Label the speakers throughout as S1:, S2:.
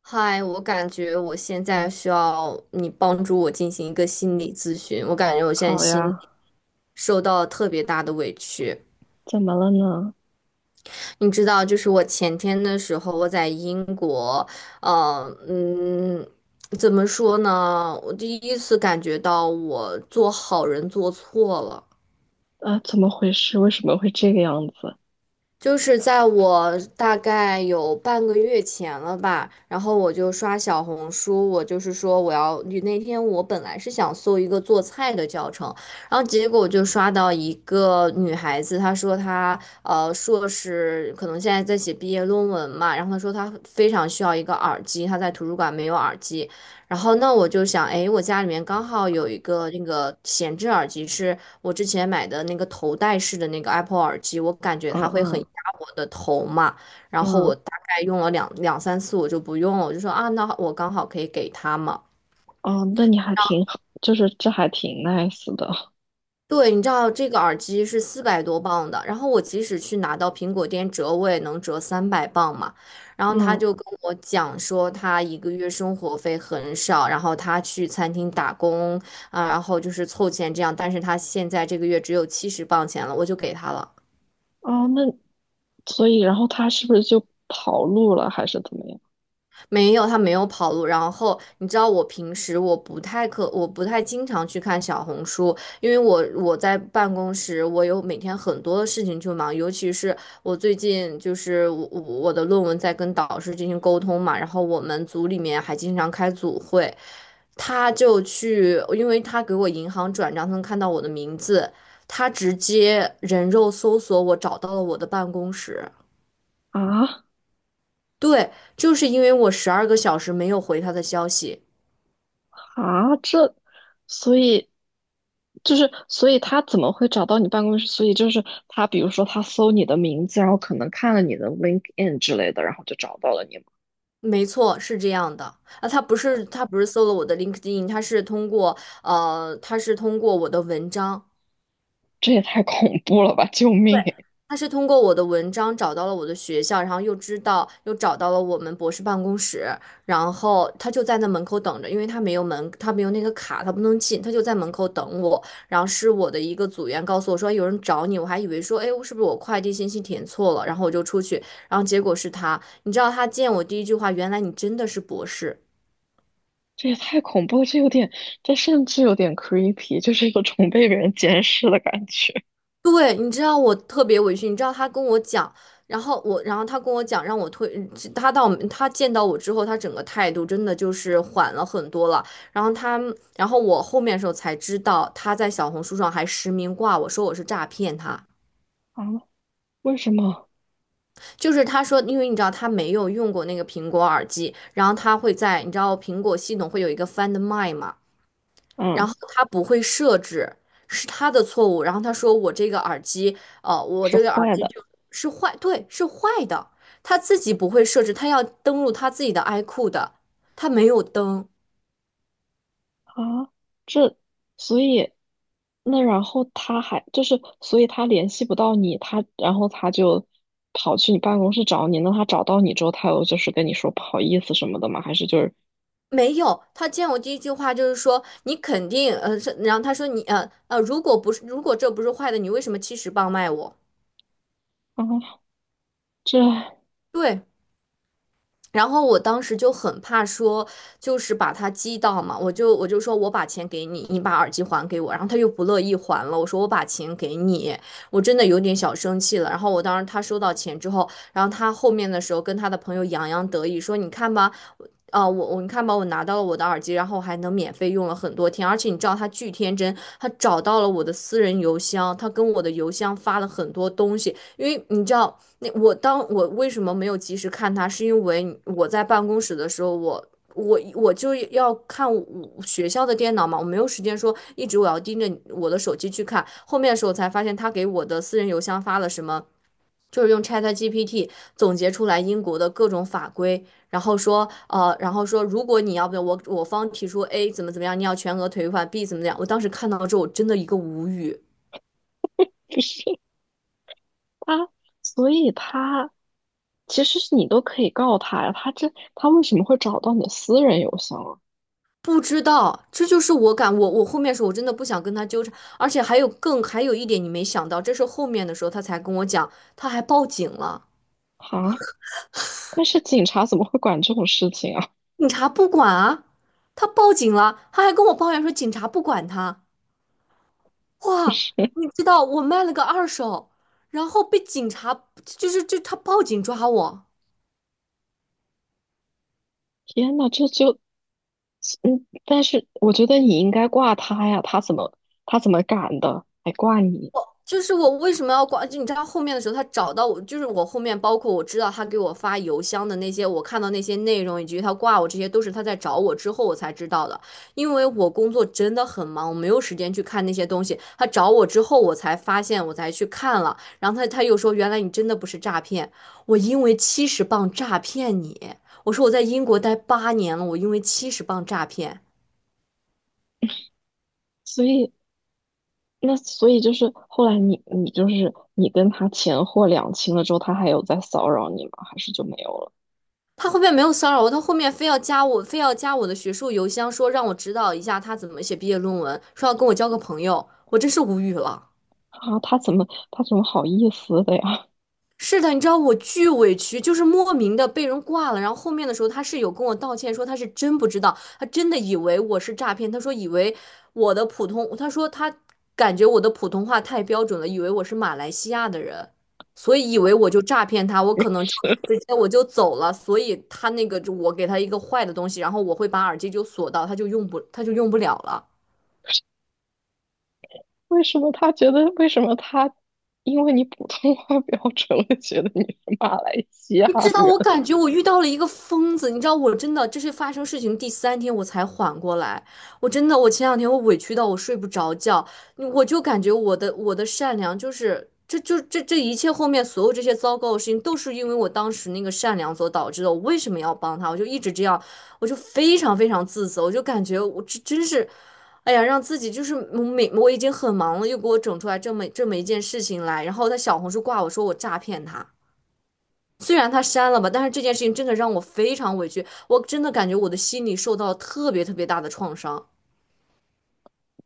S1: 嗨，我感觉我现在需要你帮助我进行一个心理咨询。我感觉我现在
S2: 好
S1: 心
S2: 呀，
S1: 里受到了特别大的委屈。
S2: 怎么了呢？
S1: 你知道，就是我前天的时候，我在英国，呃，嗯，怎么说呢？我第一次感觉到我做好人做错了。
S2: 啊，怎么回事？为什么会这个样子？
S1: 就是在我大概有半个月前了吧，然后我就刷小红书，我就是说我要，那天我本来是想搜一个做菜的教程，然后结果我就刷到一个女孩子，她说她硕士可能现在在写毕业论文嘛，然后她说她非常需要一个耳机，她在图书馆没有耳机，然后那我就想，哎，我家里面刚好有一个那个闲置耳机是。我之前买的那个头戴式的那个 Apple 耳机，我感觉
S2: 嗯
S1: 它会很
S2: 嗯
S1: 压我的头嘛，然后
S2: 嗯，
S1: 我大概用了两三次，我就不用了，我就说啊，那我刚好可以给他嘛。
S2: 哦，那你还挺好，就是这还挺 nice 的。
S1: 对，你知道这个耳机是400多磅的，然后我即使去拿到苹果店折，我也能折300磅嘛。然后他
S2: 嗯，
S1: 就跟我讲说，他一个月生活费很少，然后他去餐厅打工啊，然后就是凑钱这样，但是他现在这个月只有七十磅钱了，我就给他了。
S2: 哦，那所以然后他是不是就跑路了，还是怎么样？
S1: 没有，他没有跑路。然后你知道，我平时我不太经常去看小红书，因为我在办公室，我有每天很多的事情去忙，尤其是我最近就是我的论文在跟导师进行沟通嘛，然后我们组里面还经常开组会，他就去，因为他给我银行转账，他能看到我的名字，他直接人肉搜索我，找到了我的办公室。
S2: 啊
S1: 对，就是因为我12个小时没有回他的消息。
S2: 啊，这，所以就是所以他怎么会找到你办公室？所以就是他，比如说他搜你的名字，然后可能看了你的 LinkedIn 之类的，然后就找到了你吗？
S1: 没错，是这样的啊，他不是搜了我的 LinkedIn，他是通过他是通过我的文章，
S2: 这也太恐怖了吧！救
S1: 对，
S2: 命！
S1: 他是通过我的文章找到了我的学校，然后又知道又找到了我们博士办公室，然后他就在那门口等着，因为他没有门，他没有那个卡，他不能进，他就在门口等我。然后是我的一个组员告诉我说哎有人找你，我还以为说哎是不是我快递信息填错了，然后我就出去，然后结果是他。你知道他见我第一句话，原来你真的是博士。
S2: 这也太恐怖了，这有点，这甚至有点 creepy，就是一个种被人监视的感觉。
S1: 对，你知道我特别委屈，你知道他跟我讲，然后我，然后他跟我讲，让我退，他见到我之后，他整个态度真的就是缓了很多了。然后他，然后我后面的时候才知道，他在小红书上还实名挂我说我是诈骗他，
S2: 啊？为什么？
S1: 就是他说，因为你知道他没有用过那个苹果耳机，然后他会在你知道苹果系统会有一个 Find My 嘛。然
S2: 嗯，
S1: 后他不会设置，是他的错误。然后他说我这个耳机，我
S2: 是
S1: 这个耳
S2: 坏
S1: 机
S2: 的。
S1: 就是坏，对，是坏的。他自己不会设置，他要登录他自己的 iQOO 的，他没有登，
S2: 啊？这，所以，那然后他还就是，所以他联系不到你，他然后他就跑去你办公室找你。那他找到你之后，他有就是跟你说不好意思什么的吗？还是就是
S1: 没有。他见我第一句话就是说你肯定，是然后他说你，如果不是，如果这不是坏的，你为什么七十磅卖我？
S2: 啊，这
S1: 对，然后我当时就很怕说，就是把他激到嘛，我就说我把钱给你，你把耳机还给我，然后他又不乐意还了，我说我把钱给你，我真的有点小生气了。然后我当时他收到钱之后，然后他后面的时候跟他的朋友洋洋得意说，你看吧。啊、我你看吧，我拿到了我的耳机，然后还能免费用了很多天，而且你知道他巨天真，他找到了我的私人邮箱，他跟我的邮箱发了很多东西，因为你知道，那我当我为什么没有及时看他，是因为我在办公室的时候，我就要看我学校的电脑嘛，我没有时间说一直我要盯着我的手机去看。后面的时候才发现，他给我的私人邮箱发了什么，就是用 ChatGPT 总结出来英国的各种法规，然后说然后说如果你要不要我方提出 A 怎么怎么样，你要全额退款 B 怎么怎么样。我当时看到之后，我真的一个无语。
S2: 他，所以他。其实是你都可以告他呀，他这他为什么会找到你的私人邮箱啊？
S1: 不知道，这就是我后面说，我真的不想跟他纠缠，而且还有还有一点你没想到，这是后面的时候他才跟我讲，他还报警了，
S2: 啊，但是警察怎么会管这种事情啊？
S1: 警察不管啊，他报警了，他还跟我抱怨说警察不管他，
S2: 不
S1: 哇，
S2: 是，
S1: 你知道我卖了个二手，然后被警察就他报警抓我。
S2: 天呐，这就，嗯，但是我觉得你应该挂他呀，他怎么他怎么敢的，还挂你？
S1: 我就是我为什么要挂？就你知道后面的时候，他找到我，就是我后面包括我知道他给我发邮箱的那些，我看到那些内容以及他挂我这些，都是他在找我之后我才知道的。因为我工作真的很忙，我没有时间去看那些东西。他找我之后，我才发现，我才去看了。然后他又说，原来你真的不是诈骗，我因为七十磅诈骗你。我说我在英国待八年了，我因为七十磅诈骗。
S2: 所以那所以就是后来你你就是你跟他钱货两清了之后，他还有在骚扰你吗？还是就没有了？
S1: 他后面没有骚扰我，他后面非要加我，非要加我的学术邮箱，说让我指导一下他怎么写毕业论文，说要跟我交个朋友，我真是无语了。
S2: 啊，他怎么他怎么好意思的呀？
S1: 是的，你知道我巨委屈，就是莫名的被人挂了。然后后面的时候，他是有跟我道歉，说他是真不知道，他真的以为我是诈骗。他说以为我的普通，他说他感觉我的普通话太标准了，以为我是马来西亚的人，所以以为我就诈骗他，我可能就 直接我就走了。所以他那个就我给他一个坏的东西，然后我会把耳机就锁到，他就用不了了。
S2: 为什么他觉得为什么他因为你普通话标准了，觉得你是马来西亚
S1: 你知道，
S2: 人？
S1: 我感觉我遇到了一个疯子。你知道，我真的这是发生事情第三天我才缓过来。我真的，我前两天我委屈到我睡不着觉，我就感觉我的善良就是这就这这一切后面所有这些糟糕的事情都是因为我当时那个善良所导致的。我为什么要帮他？我就一直这样，我就非常非常自责，我就感觉我这真是，哎呀，让自己就是我已经很忙了，又给我整出来这么一件事情来，然后在小红书挂我说我诈骗他。虽然他删了吧，但是这件事情真的让我非常委屈，我真的感觉我的心里受到了特别特别大的创伤。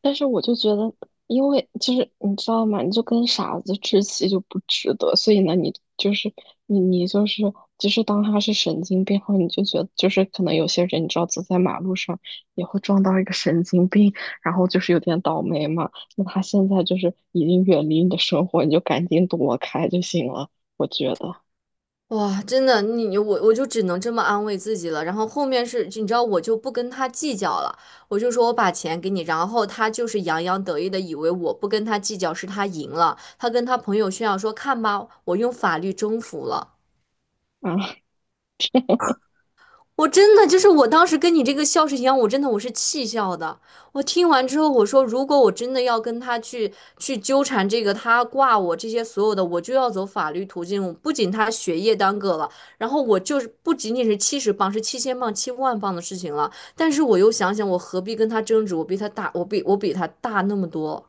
S2: 但是我就觉得，因为就是你知道吗？你就跟傻子置气就不值得，所以呢，你就是你你就是就是当他是神经病后，你就觉得就是可能有些人你知道走在马路上也会撞到一个神经病，然后就是有点倒霉嘛。那他现在就是已经远离你的生活，你就赶紧躲开就行了，我觉得
S1: 哇，真的，我就只能这么安慰自己了。然后后面是，你知道，我就不跟他计较了，我就说我把钱给你。然后他就是洋洋得意的以为我不跟他计较是他赢了，他跟他朋友炫耀说，看吧，我用法律征服了。
S2: 啊。
S1: 我真的就是我当时跟你这个笑是一样，我真的我是气笑的。我听完之后，我说如果我真的要跟他去纠缠这个，他挂我这些所有的，我就要走法律途径。不仅他学业耽搁了，然后我就是不仅仅是七十磅，是7,000磅、7万磅的事情了。但是我又想想，我何必跟他争执？我比他大，我比他大那么多。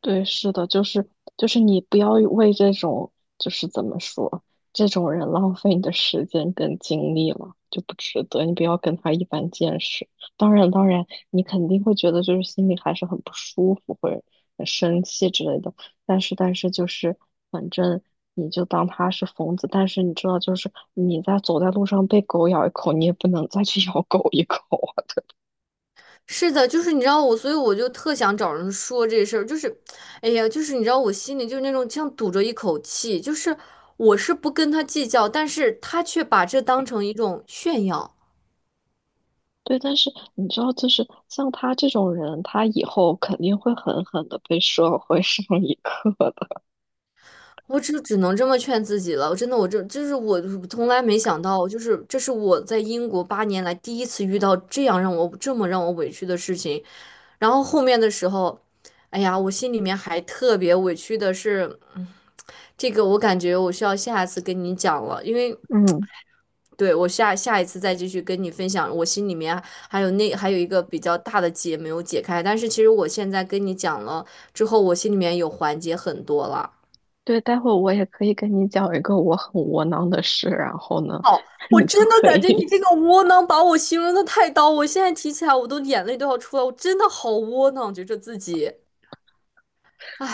S2: 对，是的，就是就是你不要为这种就是怎么说这种人浪费你的时间跟精力了，就不值得。你不要跟他一般见识。当然，当然，你肯定会觉得就是心里还是很不舒服，或者很生气之类的。但是，但是就是反正你就当他是疯子。但是你知道，就是你在走在路上被狗咬一口，你也不能再去咬狗一口。
S1: 是的，就是你知道我，所以我就特想找人说这事儿，就是，哎呀，就是你知道我心里就是那种像堵着一口气，就是我是不跟他计较，但是他却把这当成一种炫耀，
S2: 对，但是你知道，就是像他这种人，他以后肯定会狠狠的被社会上一课的。
S1: 我只能这么劝自己了。真的，我这就是我从来没想到，就是这是我在英国八年来第一次遇到这样让我这么让我委屈的事情。然后后面的时候，哎呀，我心里面还特别委屈的是，这个我感觉我需要下次跟你讲了，因为。
S2: 嗯，
S1: 对，我下一次再继续跟你分享，我心里面啊还有还有一个比较大的结没有解开，但是其实我现在跟你讲了之后，我心里面有缓解很多了。
S2: 对，待会我也可以跟你讲一个我很窝囊的事，然后呢，
S1: 我
S2: 你就
S1: 真的
S2: 可
S1: 感
S2: 以，
S1: 觉你这 个窝囊把我形容的太刀，我现在提起来我都眼泪都要出来，我真的好窝囊，觉着自己。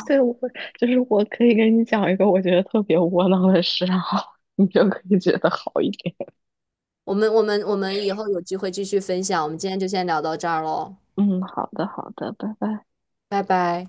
S2: 对，我就是我可以跟你讲一个我觉得特别窝囊的事，然后你就可以觉得好一点。
S1: 我们以后有机会继续分享，我们今天就先聊到这儿喽，
S2: 嗯，好的，好的，拜拜。
S1: 拜拜。